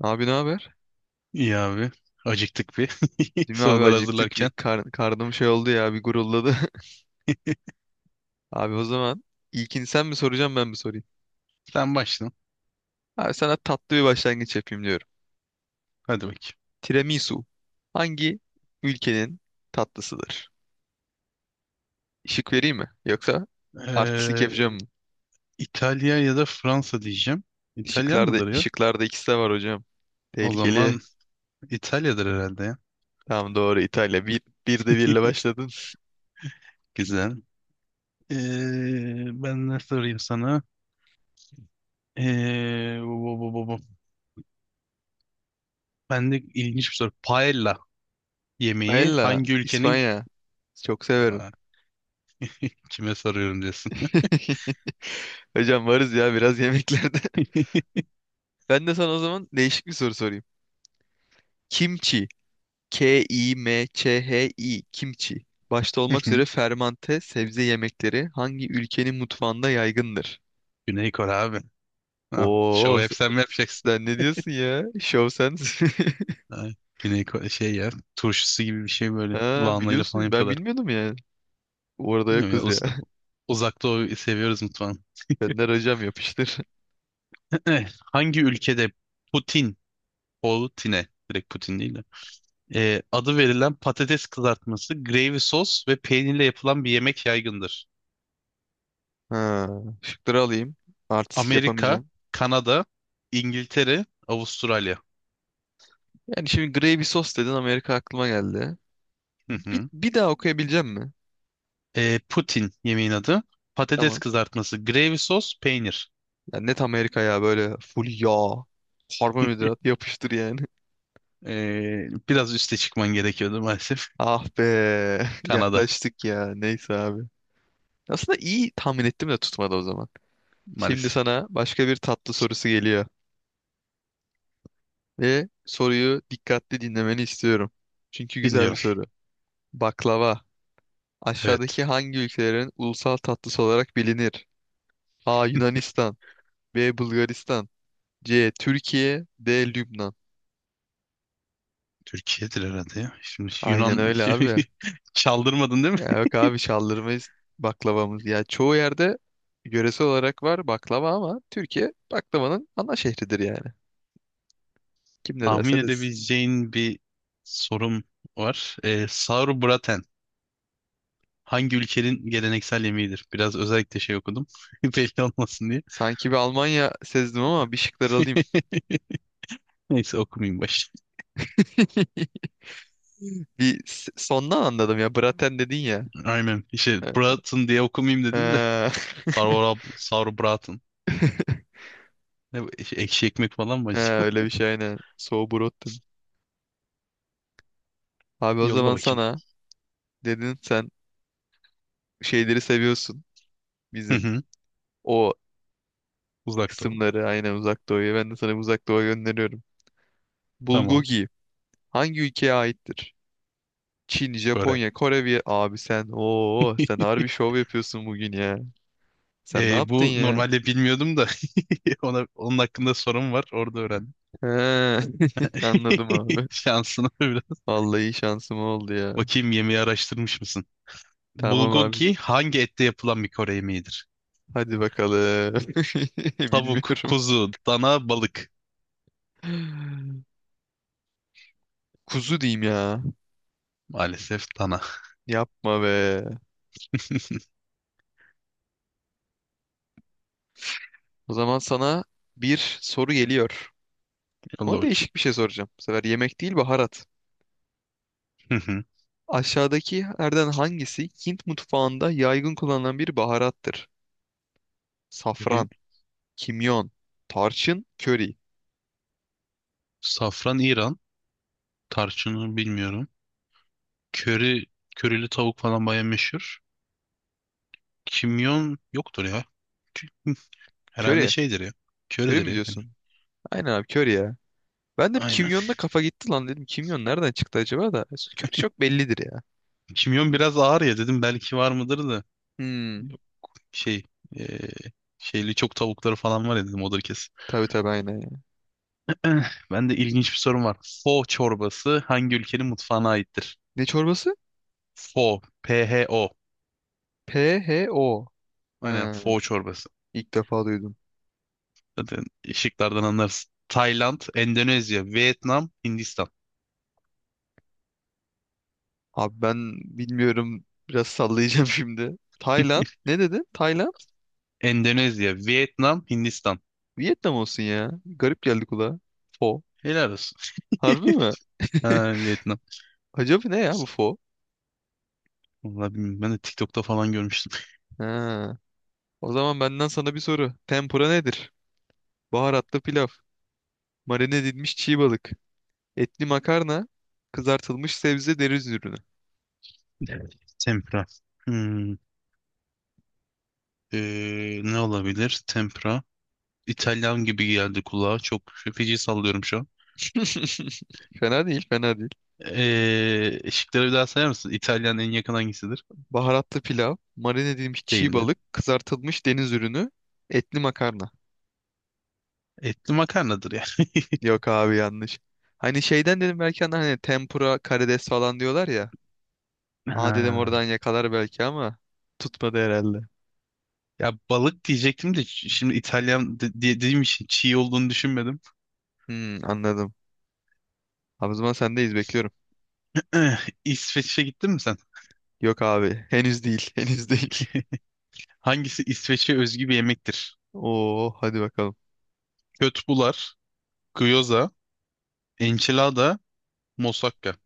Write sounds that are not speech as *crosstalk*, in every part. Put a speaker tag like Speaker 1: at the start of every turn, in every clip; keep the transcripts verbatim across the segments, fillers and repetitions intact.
Speaker 1: Abi ne haber?
Speaker 2: İyi abi. Acıktık bir. *laughs*
Speaker 1: Değil mi abi
Speaker 2: Sorular
Speaker 1: acıktık bir
Speaker 2: hazırlarken.
Speaker 1: kar- karnım şey oldu ya bir gurulladı. *laughs* Abi o zaman ilkini sen mi soracaksın ben mi sorayım?
Speaker 2: Sen başla.
Speaker 1: Abi sana tatlı bir başlangıç yapayım diyorum.
Speaker 2: Hadi bakayım.
Speaker 1: Tiramisu hangi ülkenin tatlısıdır? Işık vereyim mi? Yoksa artistlik
Speaker 2: Ee,
Speaker 1: yapacağım mı?
Speaker 2: İtalya ya da Fransa diyeceğim. İtalyan
Speaker 1: Işıklarda,
Speaker 2: mıdır ya?
Speaker 1: ışıklarda ikisi de var hocam.
Speaker 2: O
Speaker 1: Tehlikeli.
Speaker 2: zaman İtalya'dır herhalde ya.
Speaker 1: Tamam doğru İtalya. Bir, bir de birle
Speaker 2: *laughs*
Speaker 1: başladın.
Speaker 2: Güzel. Ee, ben ne sorayım sana? Ee, bu, bu, bu, bu. Bu. Ben de ilginç bir soru. Paella yemeği
Speaker 1: Paella
Speaker 2: hangi ülkenin...
Speaker 1: İspanya. Çok severim.
Speaker 2: Vay, *laughs* kime soruyorum diyorsun.
Speaker 1: *laughs* Hocam varız ya biraz yemeklerde. *laughs* Ben de sana o zaman değişik bir soru sorayım. Kimçi. K-I-M-Ç-H-I. Kimçi. Başta olmak üzere
Speaker 2: *laughs*
Speaker 1: fermante sebze yemekleri hangi ülkenin mutfağında yaygındır?
Speaker 2: Güney Kore abi. Ah, şovu
Speaker 1: Oo,
Speaker 2: hep sen mi yapacaksın?
Speaker 1: sen ne diyorsun ya? Show sense. *laughs*
Speaker 2: Ha, Güney Kore şey ya, turşusu gibi bir şey, böyle
Speaker 1: Ha,
Speaker 2: lahanayla falan
Speaker 1: biliyorsun. Ben
Speaker 2: yapıyorlar.
Speaker 1: bilmiyordum ya. Orada
Speaker 2: Bilmiyorum ya,
Speaker 1: yokuz ya.
Speaker 2: uz uzak doğu seviyoruz mutfağını.
Speaker 1: *laughs* Benden hocam yapıştır.
Speaker 2: *laughs* *clears throat* Hangi ülkede Putin, Putin'e direkt Putin değil de e, adı verilen patates kızartması, gravy sos ve peynirle yapılan bir yemek yaygındır?
Speaker 1: Ha, şıkları alayım. Artistik
Speaker 2: Amerika,
Speaker 1: yapamayacağım.
Speaker 2: Kanada, İngiltere, Avustralya.
Speaker 1: Yani şimdi gravy sos dedin Amerika aklıma geldi.
Speaker 2: Hı
Speaker 1: Bir,
Speaker 2: hı.
Speaker 1: bir daha okuyabileceğim mi?
Speaker 2: E, Putin yemeğin adı. Patates
Speaker 1: Tamam.
Speaker 2: kızartması, gravy sos, peynir.
Speaker 1: Ya net Amerika ya böyle full yağ, karbonhidrat yapıştır yani.
Speaker 2: E, biraz üste çıkman gerekiyordu maalesef.
Speaker 1: Ah be. *laughs*
Speaker 2: *laughs* Kanada
Speaker 1: Yaklaştık ya. Neyse abi. Aslında iyi tahmin ettim de tutmadı o zaman. Şimdi
Speaker 2: maalesef.
Speaker 1: sana başka bir tatlı sorusu geliyor. Ve soruyu dikkatli dinlemeni istiyorum. Çünkü güzel bir
Speaker 2: Dinliyor.
Speaker 1: soru. Baklava.
Speaker 2: Evet.
Speaker 1: Aşağıdaki hangi ülkelerin ulusal tatlısı olarak bilinir? A. Yunanistan. B. Bulgaristan. C. Türkiye. D. Lübnan.
Speaker 2: Türkiye'dir herhalde ya. Şimdi
Speaker 1: Aynen
Speaker 2: Yunan, *laughs*
Speaker 1: öyle
Speaker 2: şimdi
Speaker 1: abi.
Speaker 2: çaldırmadın değil mi?
Speaker 1: Ya yok abi şaldırmayız baklavamız. Ya çoğu yerde yöresel olarak var baklava ama Türkiye baklavanın ana şehridir yani. Kim ne
Speaker 2: Tahmin
Speaker 1: derse desin.
Speaker 2: edebileceğin bir sorum var. Ee, Sauerbraten hangi ülkenin geleneksel yemeğidir? Biraz özellikle şey okudum. *laughs* Belli olmasın diye.
Speaker 1: Sanki bir Almanya sezdim ama bir şıkları alayım.
Speaker 2: *laughs* Neyse okumayayım baş.
Speaker 1: *laughs* Bir s- sondan anladım ya. Braten dedin ya.
Speaker 2: Aynen. İşte
Speaker 1: Evet.
Speaker 2: Braten diye okumayayım dedim de.
Speaker 1: Ee,
Speaker 2: Sauerab Sauerbraten. Ne bu? Şey, ekşi ekmek falan mı
Speaker 1: *laughs* He,
Speaker 2: acaba?
Speaker 1: öyle bir şey aynen. Sauerbraten. Abi
Speaker 2: *laughs*
Speaker 1: o
Speaker 2: Yolla
Speaker 1: zaman
Speaker 2: bakayım.
Speaker 1: sana dedin sen şeyleri seviyorsun
Speaker 2: Hı
Speaker 1: bizim.
Speaker 2: hı.
Speaker 1: O
Speaker 2: Uzak doğru.
Speaker 1: kısımları aynen Uzak Doğu'ya. Ben de sana Uzak Doğu'ya gönderiyorum.
Speaker 2: Tamam.
Speaker 1: Bulgogi hangi ülkeye aittir? Çin,
Speaker 2: Kore.
Speaker 1: Japonya, Kore bir abi sen ooo sen
Speaker 2: *laughs*
Speaker 1: harbi şov yapıyorsun bugün ya. Sen ne
Speaker 2: Ee,
Speaker 1: yaptın
Speaker 2: bu
Speaker 1: ya?
Speaker 2: normalde bilmiyordum da *laughs* ona, onun hakkında sorum var. Orada öğrendim.
Speaker 1: He, *laughs* anladım
Speaker 2: *laughs*
Speaker 1: abi.
Speaker 2: Şansına biraz.
Speaker 1: Vallahi şansım oldu ya.
Speaker 2: Bakayım yemeği araştırmış mısın?
Speaker 1: Tamam abi.
Speaker 2: Bulgogi hangi ette yapılan bir Kore yemeğidir?
Speaker 1: Hadi bakalım. *laughs*
Speaker 2: Tavuk,
Speaker 1: Bilmiyorum.
Speaker 2: kuzu, dana, balık.
Speaker 1: Kuzu diyeyim ya.
Speaker 2: Maalesef dana.
Speaker 1: Yapma be.
Speaker 2: *laughs*
Speaker 1: O zaman sana bir soru geliyor.
Speaker 2: Allah
Speaker 1: Ama
Speaker 2: bakayım.
Speaker 1: değişik bir şey soracağım. Bu sefer yemek değil baharat.
Speaker 2: Hı hı.
Speaker 1: Aşağıdakilerden hangisi Hint mutfağında yaygın kullanılan bir baharattır?
Speaker 2: Köri,
Speaker 1: Safran. Kimyon, tarçın, köri.
Speaker 2: safran İran. Tarçını bilmiyorum. Köri, körili tavuk falan baya meşhur. Kimyon yoktur ya. Herhalde
Speaker 1: Köri.
Speaker 2: şeydir ya.
Speaker 1: Köri
Speaker 2: Köridir
Speaker 1: mi
Speaker 2: ya.
Speaker 1: diyorsun? Aynen abi köri ya. Ben de bir
Speaker 2: Aynen.
Speaker 1: kimyonda kafa gitti lan dedim. Kimyon nereden çıktı acaba da? Köri çok bellidir ya.
Speaker 2: Kimyon biraz ağır ya dedim, belki var mıdır da.
Speaker 1: Hmm.
Speaker 2: Şey, e, şeyli çok tavukları falan var ya dedim, odur kesin.
Speaker 1: Tabii tabii aynen ya.
Speaker 2: Ben de ilginç bir sorum var. Pho çorbası hangi ülkenin mutfağına aittir?
Speaker 1: Ne çorbası?
Speaker 2: Pho, P-H-O.
Speaker 1: P H O.
Speaker 2: Aynen
Speaker 1: Ha,
Speaker 2: pho çorbası.
Speaker 1: ilk defa duydum.
Speaker 2: Zaten şıklardan anlarsın. Tayland, Endonezya, Vietnam, Hindistan.
Speaker 1: Abi ben bilmiyorum. Biraz sallayacağım *laughs* şimdi. Tayland.
Speaker 2: *laughs*
Speaker 1: Ne dedin? Tayland?
Speaker 2: Endonezya, Vietnam, Hindistan.
Speaker 1: Vietnam olsun ya. Garip geldi kulağa. Pho.
Speaker 2: Helal olsun.
Speaker 1: Harbi mi? *laughs*
Speaker 2: Ha, Vietnam.
Speaker 1: Acaba ne ya bu pho?
Speaker 2: Vallahi bilmiyorum. Ben de TikTok'ta falan görmüştüm. *laughs*
Speaker 1: Ha. O zaman benden sana bir soru. Tempura nedir? Baharatlı pilav. Marine edilmiş çiğ balık. Etli makarna. Kızartılmış sebze deniz ürünü.
Speaker 2: Evet. Tempra. Hmm. Ee, ne olabilir? Tempra. İtalyan gibi geldi kulağa. Çok feci sallıyorum şu an.
Speaker 1: *laughs* Fena değil, fena değil.
Speaker 2: Ee, şıkları bir daha sayar mısın? İtalyan en yakın hangisidir?
Speaker 1: Baharatlı pilav. Marine edilmiş çiğ
Speaker 2: Değildi.
Speaker 1: balık. Kızartılmış deniz ürünü. Etli makarna.
Speaker 2: Etli makarnadır ya. *laughs*
Speaker 1: Yok abi yanlış. Hani şeyden dedim belki hani hani tempura, karides falan diyorlar ya. Aa dedim
Speaker 2: Ha.
Speaker 1: oradan yakalar belki ama tutmadı herhalde.
Speaker 2: Ya balık diyecektim de, ş- şimdi İtalyan de- diye dediğim için çiğ olduğunu düşünmedim.
Speaker 1: Hmm, anladım. Abi o zaman sendeyiz bekliyorum.
Speaker 2: Eh, İsveç'e gittin mi sen?
Speaker 1: Yok abi henüz değil *laughs* henüz değil.
Speaker 2: Hangisi İsveç'e özgü bir yemektir?
Speaker 1: Oo hadi bakalım.
Speaker 2: Kötbular, gyoza, enchilada, moussaka.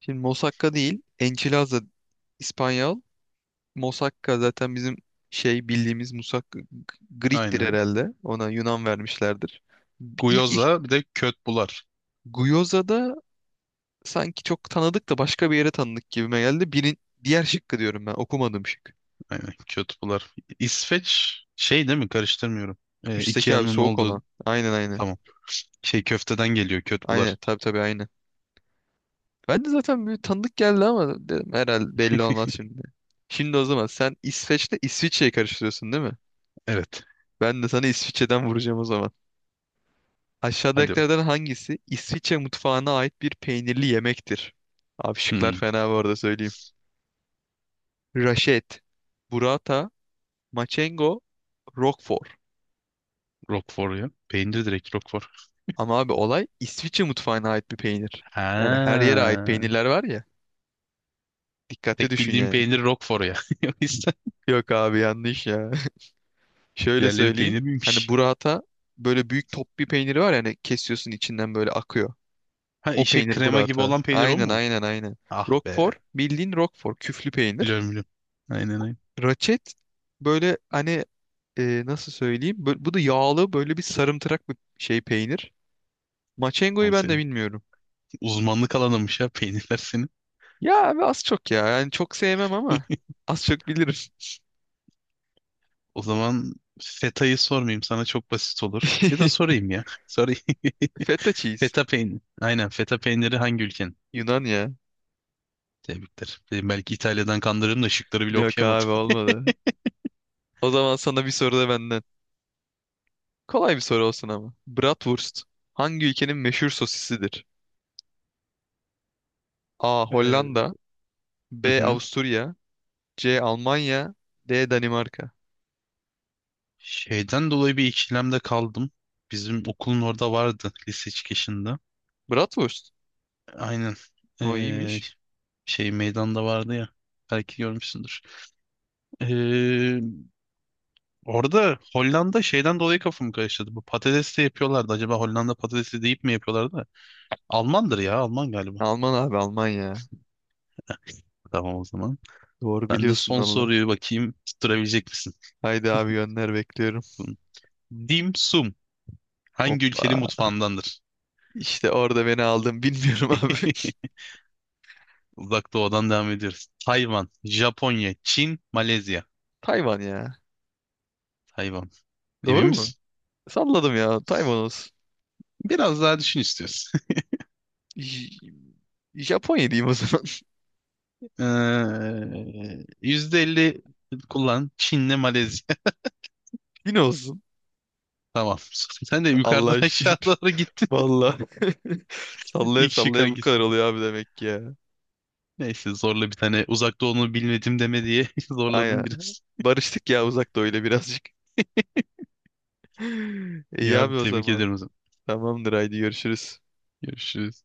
Speaker 1: Şimdi Mosakka değil. Enchilada İspanyol. Mosakka zaten bizim şey bildiğimiz musak Greek'tir
Speaker 2: Aynen.
Speaker 1: herhalde. Ona Yunan vermişlerdir. İlk, ilk
Speaker 2: Gyoza bir de kötbular.
Speaker 1: Gyoza da sanki çok tanıdık da başka bir yere tanıdık gibime geldi. Birin, diğer şıkkı diyorum ben. Okumadım şık.
Speaker 2: Aynen kötbular. İsveç şey değil mi? Karıştırmıyorum. Ee,
Speaker 1: Üstteki abi
Speaker 2: Ikea'nın
Speaker 1: soğuk olan.
Speaker 2: olduğu,
Speaker 1: Aynen aynen.
Speaker 2: tamam. Şey, köfteden geliyor kötbular.
Speaker 1: Aynen tabii tabii aynen. Ben de zaten bir tanıdık geldi ama dedim herhalde belli olmaz şimdi. Şimdi o zaman sen İsveç'le İsviçre'yi karıştırıyorsun değil mi?
Speaker 2: Evet.
Speaker 1: Ben de sana İsviçre'den vuracağım o zaman.
Speaker 2: Hadi bakayım.
Speaker 1: Aşağıdakilerden hangisi İsviçre mutfağına ait bir peynirli yemektir? Abi şıklar
Speaker 2: Hmm,
Speaker 1: fena bu arada söyleyeyim. Raşet, burrata, maçengo, roquefort.
Speaker 2: Roquefort ya. Peynir direkt Roquefort.
Speaker 1: Ama abi olay İsviçre mutfağına ait bir peynir. Yani her yere ait
Speaker 2: Ha.
Speaker 1: peynirler var ya. Dikkatli
Speaker 2: Tek
Speaker 1: düşün
Speaker 2: bildiğim
Speaker 1: yani.
Speaker 2: peynir Roquefort ya. *laughs* O yüzden
Speaker 1: Yok abi yanlış ya. *laughs* Şöyle
Speaker 2: diğerleri
Speaker 1: söyleyeyim.
Speaker 2: peynir
Speaker 1: Hani
Speaker 2: miymiş?
Speaker 1: burrata böyle büyük top bir peyniri var yani kesiyorsun içinden böyle akıyor.
Speaker 2: Ha,
Speaker 1: O
Speaker 2: işe
Speaker 1: peynir
Speaker 2: krema gibi
Speaker 1: burrata.
Speaker 2: olan peynir o
Speaker 1: Aynen
Speaker 2: mu?
Speaker 1: aynen aynen.
Speaker 2: Ah
Speaker 1: Roquefort
Speaker 2: be.
Speaker 1: bildiğin roquefort küflü peynir.
Speaker 2: Biliyorum, biliyorum. Aynen, aynen.
Speaker 1: Raçet böyle hani e, nasıl söyleyeyim? Bö- bu da yağlı böyle bir sarımtırak bir şey peynir. Maçengo'yu
Speaker 2: Abi
Speaker 1: ben de
Speaker 2: senin
Speaker 1: bilmiyorum.
Speaker 2: uzmanlık alanınmış ya, peynirler senin.
Speaker 1: Ya abi az çok ya. Yani çok sevmem ama
Speaker 2: *laughs*
Speaker 1: az çok bilirim.
Speaker 2: O zaman feta'yı sormayayım sana, çok basit olur. Ya da
Speaker 1: *laughs*
Speaker 2: sorayım ya. *laughs* Sorayım.
Speaker 1: Feta
Speaker 2: *laughs*
Speaker 1: cheese.
Speaker 2: Feta peyniri. Aynen, feta peyniri hangi ülkenin?
Speaker 1: Yunan ya.
Speaker 2: Tebrikler. Dedim belki İtalya'dan kandırırım da şıkları bile
Speaker 1: Yok
Speaker 2: okuyamadım.
Speaker 1: abi olmadı. O zaman sana bir soru da benden. Kolay bir soru olsun ama. Bratwurst hangi ülkenin meşhur sosisidir? A.
Speaker 2: Ee,
Speaker 1: Hollanda
Speaker 2: hı
Speaker 1: B.
Speaker 2: hı.
Speaker 1: Avusturya C. Almanya D. Danimarka
Speaker 2: Şeyden dolayı bir ikilemde kaldım. Bizim okulun orada vardı, lise çıkışında.
Speaker 1: Bratwurst.
Speaker 2: Aynen.
Speaker 1: O
Speaker 2: Ee,
Speaker 1: iyiymiş.
Speaker 2: şey meydanda vardı ya. Belki görmüşsündür. Ee, orada Hollanda şeyden dolayı kafamı karıştırdı. Bu patates de yapıyorlardı. Acaba Hollanda patatesi deyip mi yapıyorlardı? Almandır ya. Alman galiba.
Speaker 1: Alman abi Almanya.
Speaker 2: Tamam o zaman.
Speaker 1: Doğru
Speaker 2: Ben de
Speaker 1: biliyorsun
Speaker 2: son
Speaker 1: valla.
Speaker 2: soruyu bakayım, tutturabilecek misin?
Speaker 1: Haydi abi gönder bekliyorum.
Speaker 2: Dim sum hangi ülkenin
Speaker 1: Hoppa.
Speaker 2: mutfağındandır?
Speaker 1: İşte orada beni aldın bilmiyorum abi.
Speaker 2: Uzak Doğu'dan devam ediyoruz. Tayvan, Japonya, Çin, Malezya.
Speaker 1: *laughs* Tayvan ya.
Speaker 2: Tayvan. Emin
Speaker 1: Doğru
Speaker 2: misin?
Speaker 1: mu? Salladım ya. Tayvan olsun.
Speaker 2: Biraz daha düşün istiyorsun. *laughs*
Speaker 1: J- Japonya diyeyim o zaman.
Speaker 2: Ee, yüzde elli kullan. Çin'le Malezya. *laughs*
Speaker 1: *laughs* Yine olsun.
Speaker 2: Tamam. Sen de yukarıdan
Speaker 1: Allah'a
Speaker 2: aşağı
Speaker 1: şükür.
Speaker 2: doğru gittin.
Speaker 1: Valla. *laughs*
Speaker 2: *laughs*
Speaker 1: Sallaya
Speaker 2: İlk şık
Speaker 1: sallaya bu
Speaker 2: hangisi?
Speaker 1: kadar oluyor abi demek ki ya.
Speaker 2: Neyse, zorla bir tane Uzak Doğu'nu bilmedim deme diye *laughs*
Speaker 1: Aynen.
Speaker 2: zorladım biraz.
Speaker 1: Barıştık ya uzak öyle birazcık. *laughs* İyi
Speaker 2: Ya
Speaker 1: abi
Speaker 2: abi,
Speaker 1: o
Speaker 2: tebrik
Speaker 1: zaman.
Speaker 2: ederim o zaman.
Speaker 1: Tamamdır haydi görüşürüz.
Speaker 2: Görüşürüz.